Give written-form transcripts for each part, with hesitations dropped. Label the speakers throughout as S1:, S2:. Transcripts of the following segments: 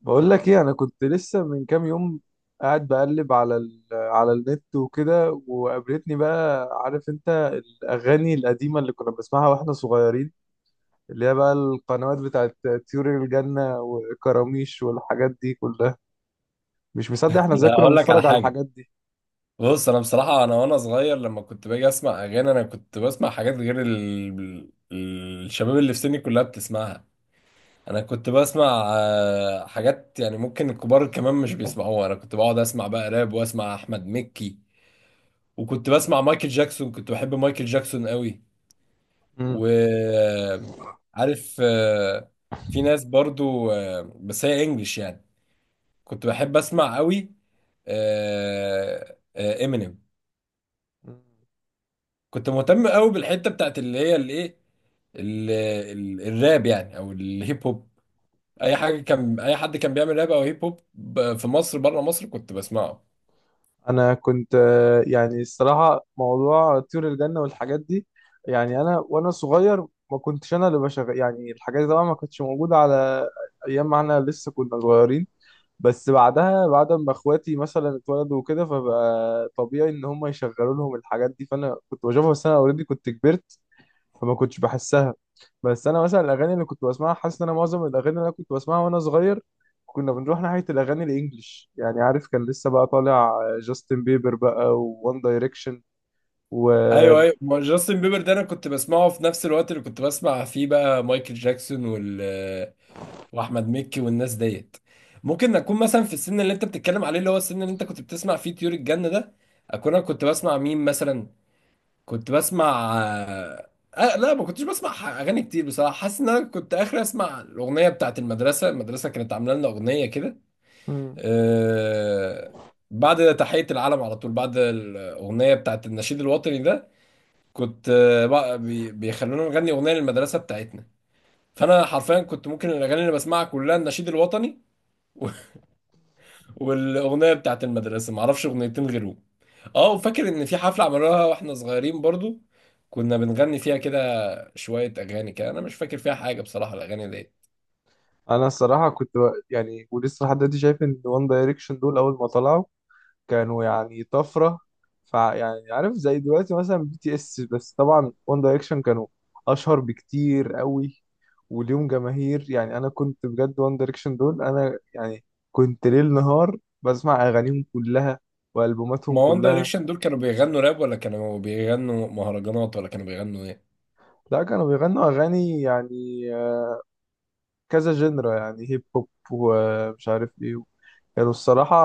S1: بقول لك ايه؟ انا كنت لسه من كام يوم قاعد بقلب على على النت وكده، وقابلتني بقى، عارف انت، الاغاني القديمه اللي كنا بنسمعها واحنا صغيرين، اللي هي بقى القنوات بتاعت طيور الجنه وكراميش والحاجات دي كلها. مش مصدق احنا ازاي
S2: لا
S1: كنا
S2: اقول لك على
S1: بنتفرج على
S2: حاجه.
S1: الحاجات دي.
S2: بص، انا بصراحه انا وانا صغير لما كنت باجي اسمع اغاني انا كنت بسمع حاجات غير الشباب اللي في سني كلها بتسمعها. انا كنت بسمع حاجات يعني ممكن الكبار كمان مش بيسمعوها. انا كنت بقعد اسمع بقى راب واسمع احمد مكي، وكنت بسمع مايكل جاكسون، كنت بحب مايكل جاكسون قوي. وعارف في ناس برضو، بس هي انجلش يعني، كنت بحب اسمع قوي امينيم.
S1: امم
S2: كنت مهتم قوي بالحته بتاعت اللي هي الايه، الراب يعني او الهيب هوب. اي حاجه كان، اي حد كان بيعمل راب او هيب هوب في مصر بره مصر كنت بسمعه.
S1: انا كنت يعني الصراحه موضوع طيور الجنه والحاجات دي، يعني انا وانا صغير، ما كنتش انا اللي بشغل يعني الحاجات دي. طبعا ما كانتش موجوده على ايام ما احنا لسه كنا صغيرين، بس بعدها، بعد ما اخواتي مثلا اتولدوا وكده، فبقى طبيعي ان هم يشغلوا لهم الحاجات دي، فانا كنت بشوفها بس انا اوريدي كنت كبرت، فما كنتش بحسها. بس انا مثلا الاغاني اللي كنت بسمعها، حاسس ان انا معظم الاغاني اللي انا كنت بسمعها وانا صغير، كنا بنروح ناحيه الاغاني الانجليش، يعني عارف كان لسه بقى طالع جاستن بيبر بقى، وون دايركشن و One
S2: ايوه
S1: Direction.
S2: ايوه، ما جاستن بيبر ده انا كنت بسمعه في نفس الوقت اللي كنت بسمع فيه بقى مايكل جاكسون وال، واحمد مكي والناس ديت. ممكن اكون مثلا في السن اللي انت بتتكلم عليه، اللي هو السن اللي انت كنت بتسمع فيه طيور الجنه ده، اكون انا كنت بسمع مين مثلا. كنت بسمع، آه لا ما كنتش بسمع اغاني كتير بصراحه. حاسس ان انا كنت اخر اسمع الاغنيه بتاعت المدرسه. المدرسه كانت عامله لنا اغنيه كده،
S1: مم.
S2: آه، بعد تحيه العلم على طول، بعد الاغنيه بتاعت النشيد الوطني ده كنت بقى بيخلونا نغني اغنيه للمدرسه بتاعتنا. فانا حرفيا كنت ممكن الاغاني اللي بسمعها كلها النشيد الوطني والاغنيه بتاعت المدرسه، ما اعرفش اغنيتين غيرهم. اه، وفاكر ان في حفله عملوها واحنا صغيرين برضو كنا بنغني فيها كده شوية أغاني كده، أنا مش فاكر فيها حاجة بصراحة الأغاني دي.
S1: انا الصراحه كنت يعني، ولسه لحد دلوقتي شايف ان وان دايركشن دول اول ما طلعوا كانوا يعني طفرة. فيعني عارف، زي دلوقتي مثلا بي تي اس، بس طبعا وان دايركشن كانوا أشهر بكتير قوي، وليهم جماهير. يعني أنا كنت بجد وان دايركشن دول، أنا يعني كنت ليل نهار بسمع أغانيهم كلها وألبوماتهم
S2: ما وان
S1: كلها.
S2: دايركشن دول كانوا بيغنوا راب ولا كانوا بيغنوا مهرجانات ولا كانوا بيغنوا إيه؟
S1: لا، كانوا بيغنوا أغاني يعني كذا جنرا، يعني هيب هوب ومش عارف إيه. كانوا الصراحة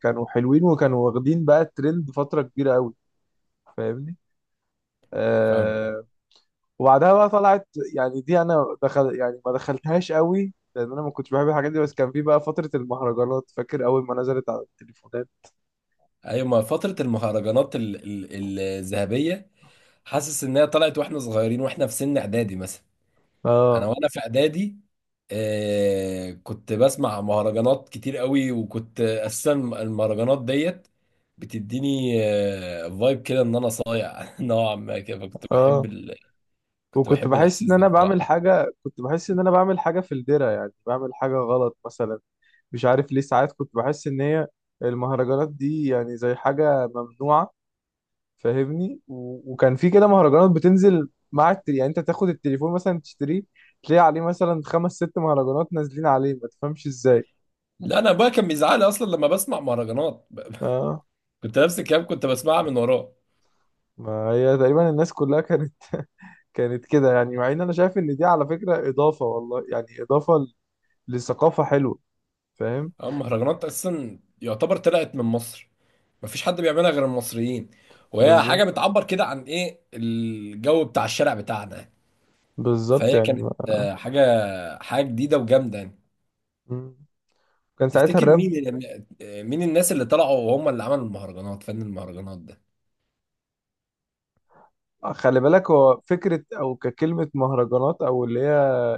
S1: كانوا حلوين، وكانوا واخدين بقى الترند فترة كبيرة قوي. فاهمني؟
S2: فاهم.
S1: آه، وبعدها بقى طلعت، يعني دي انا دخل، يعني ما دخلتهاش قوي لان انا ما كنتش بحب الحاجات دي، بس كان في بقى فترة المهرجانات، فاكر اول ما نزلت على التليفونات.
S2: أيوة، ما فترة المهرجانات الذهبية حاسس إنها طلعت وإحنا صغيرين وإحنا في سن إعدادي مثلا. أنا
S1: اه.
S2: وأنا في إعدادي كنت بسمع مهرجانات كتير قوي، وكنت أساسا المهرجانات ديت بتديني فايب كده إن أنا صايع نوعا ما كده. فكنت بحب
S1: اه.
S2: كنت
S1: وكنت
S2: بحب
S1: بحس ان
S2: الإحساس ده
S1: انا بعمل
S2: بصراحة.
S1: حاجة، كنت بحس ان انا بعمل حاجة في الدرة، يعني بعمل حاجة غلط مثلا. مش عارف ليه ساعات كنت بحس ان هي المهرجانات دي يعني زي حاجة ممنوعة، فاهمني؟ وكان في كده مهرجانات بتنزل مع يعني انت تاخد التليفون مثلا تشتريه، تلاقي عليه مثلا خمس ست مهرجانات نازلين عليه، ما تفهمش ازاي.
S2: لا انا ابويا كان بيزعلي اصلا لما بسمع مهرجانات
S1: اه.
S2: كنت نفس الكلام كنت بسمعها من وراه.
S1: ما هي تقريبا الناس كلها كانت كانت كده، يعني مع ان انا شايف ان دي على فكرة اضافة، والله يعني اضافة لثقافة حلوة، فاهم؟
S2: اما المهرجانات اساسا يعتبر طلعت من مصر، مفيش حد بيعملها غير المصريين، وهي
S1: بالظبط.
S2: حاجه بتعبر كده عن ايه الجو بتاع الشارع بتاعنا.
S1: بالظبط
S2: فهي
S1: يعني ما.
S2: كانت حاجه، حاجه جديده وجامده يعني.
S1: مم. كان ساعتها
S2: تفتكر
S1: الراب.
S2: مين اللي مين الناس اللي طلعوا وهم اللي عملوا المهرجانات، فن المهرجانات ده؟
S1: خلي بالك، هو فكرة او ككلمة مهرجانات، او اللي هي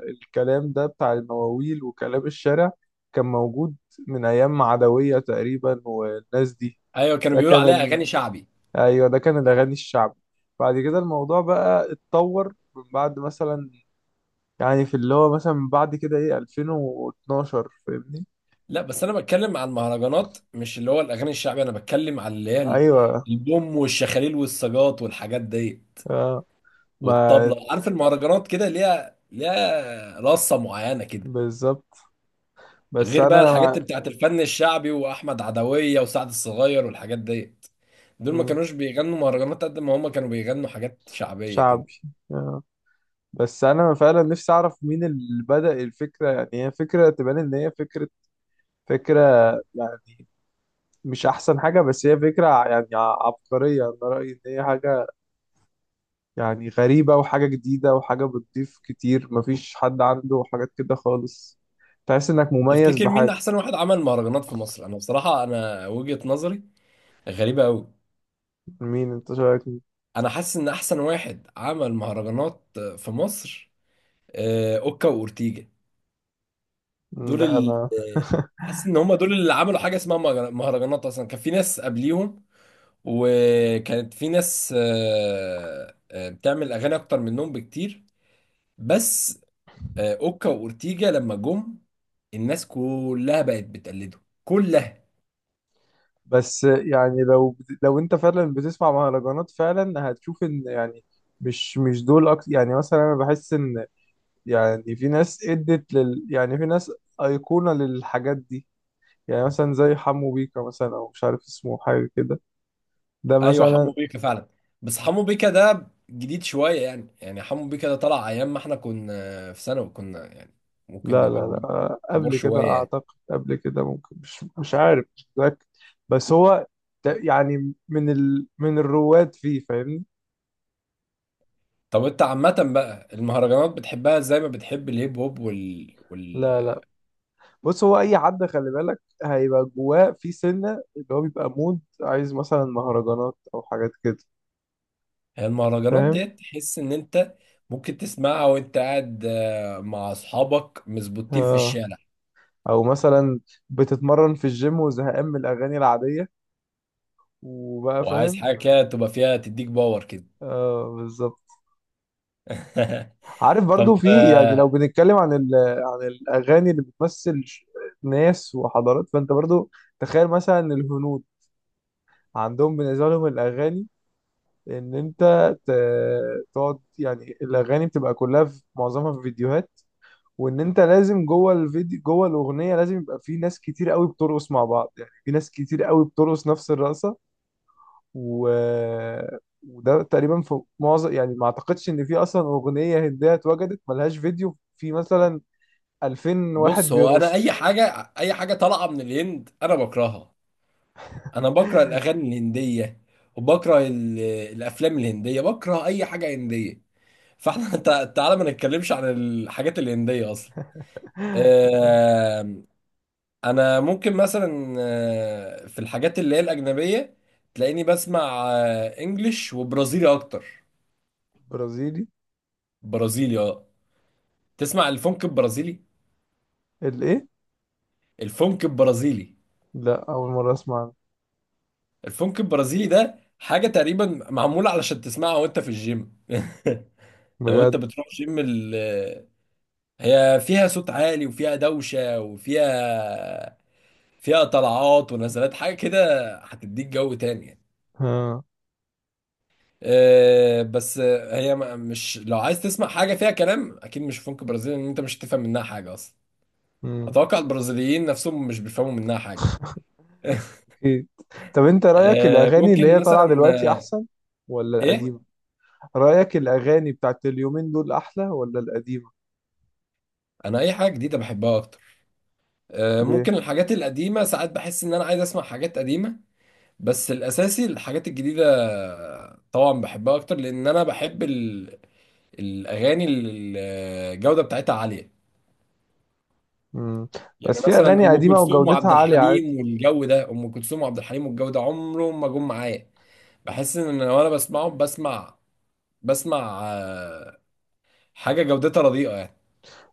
S1: الكلام ده بتاع المواويل وكلام الشارع، كان موجود من ايام عدوية تقريبا والناس دي.
S2: ايوه كانوا
S1: ده
S2: بيقولوا
S1: كان
S2: عليها اغاني شعبي.
S1: ايوه ده كان الاغاني الشعبي. بعد كده الموضوع بقى اتطور، من بعد مثلا يعني في اللي هو مثلا بعد كده، ايه، 2012، فاهمني؟
S2: لا بس انا بتكلم عن المهرجانات، مش اللي هو الاغاني الشعبيه. انا بتكلم على اللي هي
S1: ايوه.
S2: البوم والشخاليل والسجاط والحاجات دي
S1: اه. ما.
S2: والطبله. عارف المهرجانات كده ليها، ليها رصه معينه كده،
S1: بالظبط. بس
S2: غير بقى
S1: انا
S2: الحاجات اللي بتاعت الفن الشعبي واحمد عدويه وسعد الصغير والحاجات دي. دول ما
S1: مم.
S2: كانوش بيغنوا مهرجانات قد ما هم كانوا بيغنوا حاجات شعبيه كده.
S1: شعبي. آه. بس انا فعلا نفسي اعرف مين اللي بدأ الفكره. يعني هي فكره تبان ان هي فكره يعني، مش احسن حاجه، بس هي فكره يعني عبقريه. انا رايي ان هي حاجه يعني غريبه، وحاجه جديده، وحاجه بتضيف كتير، مفيش حد عنده حاجات كده خالص، تحس انك مميز
S2: تفتكر مين
S1: بحاجه.
S2: احسن واحد عمل مهرجانات في مصر؟ انا بصراحه انا وجهه نظري غريبه قوي.
S1: مين انت شايف؟
S2: انا حاسس ان احسن واحد عمل مهرجانات في مصر، اوكا واورتيجا. دول
S1: ده
S2: ال...
S1: انا.
S2: آه، حاسس ان هم دول اللي عملوا حاجه اسمها مهرجانات. اصلا كان في ناس قبليهم، وكانت في ناس بتعمل اغاني اكتر منهم بكتير، بس اوكا واورتيجا لما جم الناس كلها بقت بتقلده كلها.
S1: بس يعني لو انت فعلا بتسمع مهرجانات، فعلا هتشوف ان يعني مش دول اكتر. يعني مثلا انا بحس ان، يعني في ناس ادت لل، يعني في ناس ايقونة للحاجات دي، يعني مثلا زي حمو بيكا مثلا، او مش عارف اسمه حاجة كده، ده
S2: ايوه، حمو
S1: مثلا.
S2: بيكا فعلا، بس حمو بيكا ده جديد شويه يعني. يعني حمو بيكا ده طلع ايام ما احنا كنا في ثانوي، كنا يعني ممكن
S1: لا لا
S2: نبقى كبار،
S1: لا
S2: كبار
S1: قبل كده
S2: شويه يعني.
S1: اعتقد. قبل كده، ممكن، مش عارف، مش متأكد. بس هو ده يعني من من الرواد فيه، فاهمني؟
S2: طب انت عامة بقى المهرجانات بتحبها زي ما بتحب الهيب هوب
S1: لا، بص هو اي حد خلي بالك هيبقى جواه في سنه اللي هو بيبقى مود، عايز مثلا مهرجانات او حاجات كده،
S2: المهرجانات
S1: فاهم؟
S2: ديت تحس ان انت ممكن تسمعها وانت قاعد مع اصحابك مزبوطين في
S1: آه.
S2: الشارع،
S1: او مثلا بتتمرن في الجيم وزهقان من الاغاني العاديه، وبقى،
S2: وعايز
S1: فاهم؟
S2: حاجة كده تبقى فيها، تديك باور كده.
S1: اه، بالظبط. عارف برضو
S2: طب
S1: في، يعني لو بنتكلم عن عن الاغاني اللي بتمثل ناس وحضارات، فانت برضو تخيل مثلا الهنود، عندهم بالنسبه لهم الاغاني، ان انت ت- تقعد، يعني الاغاني بتبقى كلها في معظمها في فيديوهات، وان انت لازم جوه الفيديو جوه الاغنيه لازم يبقى في ناس كتير قوي بترقص مع بعض، يعني في ناس كتير قوي بترقص نفس الرقصه و... وده تقريبا في معظم، يعني ما اعتقدش ان في اصلا اغنيه هنديه اتوجدت ملهاش فيديو في مثلا 2000 واحد
S2: بص هو انا
S1: بيرقصوا.
S2: اي حاجة، اي حاجة طالعة من الهند انا بكرهها. انا بكره الاغاني الهندية وبكره الافلام الهندية، بكره اي حاجة هندية. فاحنا تعالى ما نتكلمش عن الحاجات الهندية اصلا. آه، انا ممكن مثلا، في الحاجات اللي هي الاجنبيه تلاقيني بسمع انجليش وبرازيلي اكتر.
S1: برازيلي؟
S2: برازيلي اه، تسمع الفونك البرازيلي.
S1: الايه؟
S2: الفونك البرازيلي.
S1: لا، اول مره اسمع عنه.
S2: الفونك البرازيلي ده حاجه تقريبا معموله علشان تسمعها وانت في الجيم. لو انت
S1: بجد؟
S2: بتروح جيم هي فيها صوت عالي وفيها دوشه وفيها، فيها طلعات ونزلات حاجه كده، هتديك جو تاني يعني.
S1: ها.
S2: آه، بس آه، هي مش، لو عايز تسمع حاجة فيها كلام أكيد مش فنك برازيلي، لأن أنت مش هتفهم منها حاجة أصلا.
S1: امم.
S2: أتوقع البرازيليين نفسهم مش بيفهموا منها حاجة.
S1: اكيد. طب انت رايك
S2: آه،
S1: الاغاني اللي
S2: ممكن
S1: هي طالعه
S2: مثلا
S1: دلوقتي
S2: آه،
S1: احسن ولا
S2: إيه؟
S1: القديمه؟ رايك الاغاني بتاعت اليومين دول احلى ولا القديمه؟
S2: أنا أي حاجة جديدة بحبها أكتر.
S1: ليه؟
S2: ممكن الحاجات القديمة ساعات بحس إن أنا عايز أسمع حاجات قديمة، بس الأساسي الحاجات الجديدة طبعا بحبها أكتر لأن أنا بحب الأغاني اللي الجودة بتاعتها عالية.
S1: مم.
S2: يعني
S1: بس في
S2: مثلا
S1: اغاني
S2: ام
S1: قديمه
S2: كلثوم
S1: وجودتها
S2: وعبد
S1: عاليه عادي.
S2: الحليم والجو ده، ام كلثوم وعبد الحليم والجو ده عمرهم ما جم معايا. بحس ان أنا وانا بسمعهم بسمع، بسمع آه، حاجه جودتها رديئه يعني.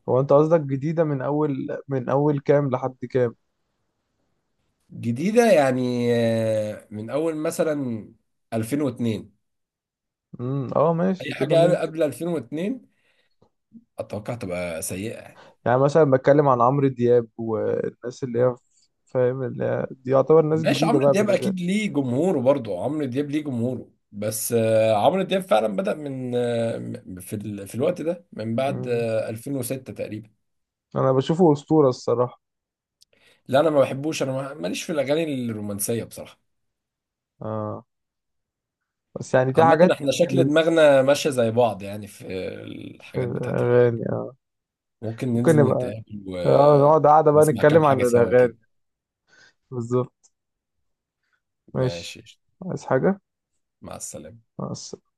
S1: هو انت قصدك جديده من اول، من اول كام لحد كام؟
S2: جديده يعني من اول مثلا 2002،
S1: امم. اه،
S2: اي
S1: ماشي كده،
S2: حاجه
S1: ممكن.
S2: قبل 2002 اتوقع تبقى سيئه يعني.
S1: يعني مثلا بتكلم عن عمرو دياب والناس اللي هي، فاهم، اللي هي دي يعتبر ناس
S2: ماشي،
S1: جديده
S2: عمرو
S1: بقى
S2: دياب
S1: بالنسبه لي.
S2: اكيد ليه جمهوره برضه، عمرو دياب ليه جمهوره، بس عمرو دياب فعلا بدأ من في في الوقت ده من بعد
S1: مم.
S2: 2006 تقريبا.
S1: انا بشوفه اسطوره الصراحه.
S2: لا انا ما بحبوش، انا ماليش في الاغاني الرومانسيه بصراحه.
S1: اه. بس يعني دي
S2: عامه
S1: حاجات
S2: احنا شكل
S1: من،
S2: دماغنا ماشيه زي بعض يعني في
S1: في
S2: الحاجات بتاعت
S1: الاغاني،
S2: الاغاني.
S1: آه.
S2: ممكن
S1: ممكن
S2: ننزل
S1: نبقى،
S2: نتقابل
S1: اه، نقعد قاعده بقى
S2: ونسمع كام
S1: نتكلم عن
S2: حاجه سوا كده.
S1: الاغاني. بالظبط. ماشي.
S2: ماشي.
S1: عايز حاجه؟
S2: مع السلامه.
S1: مع السلامة.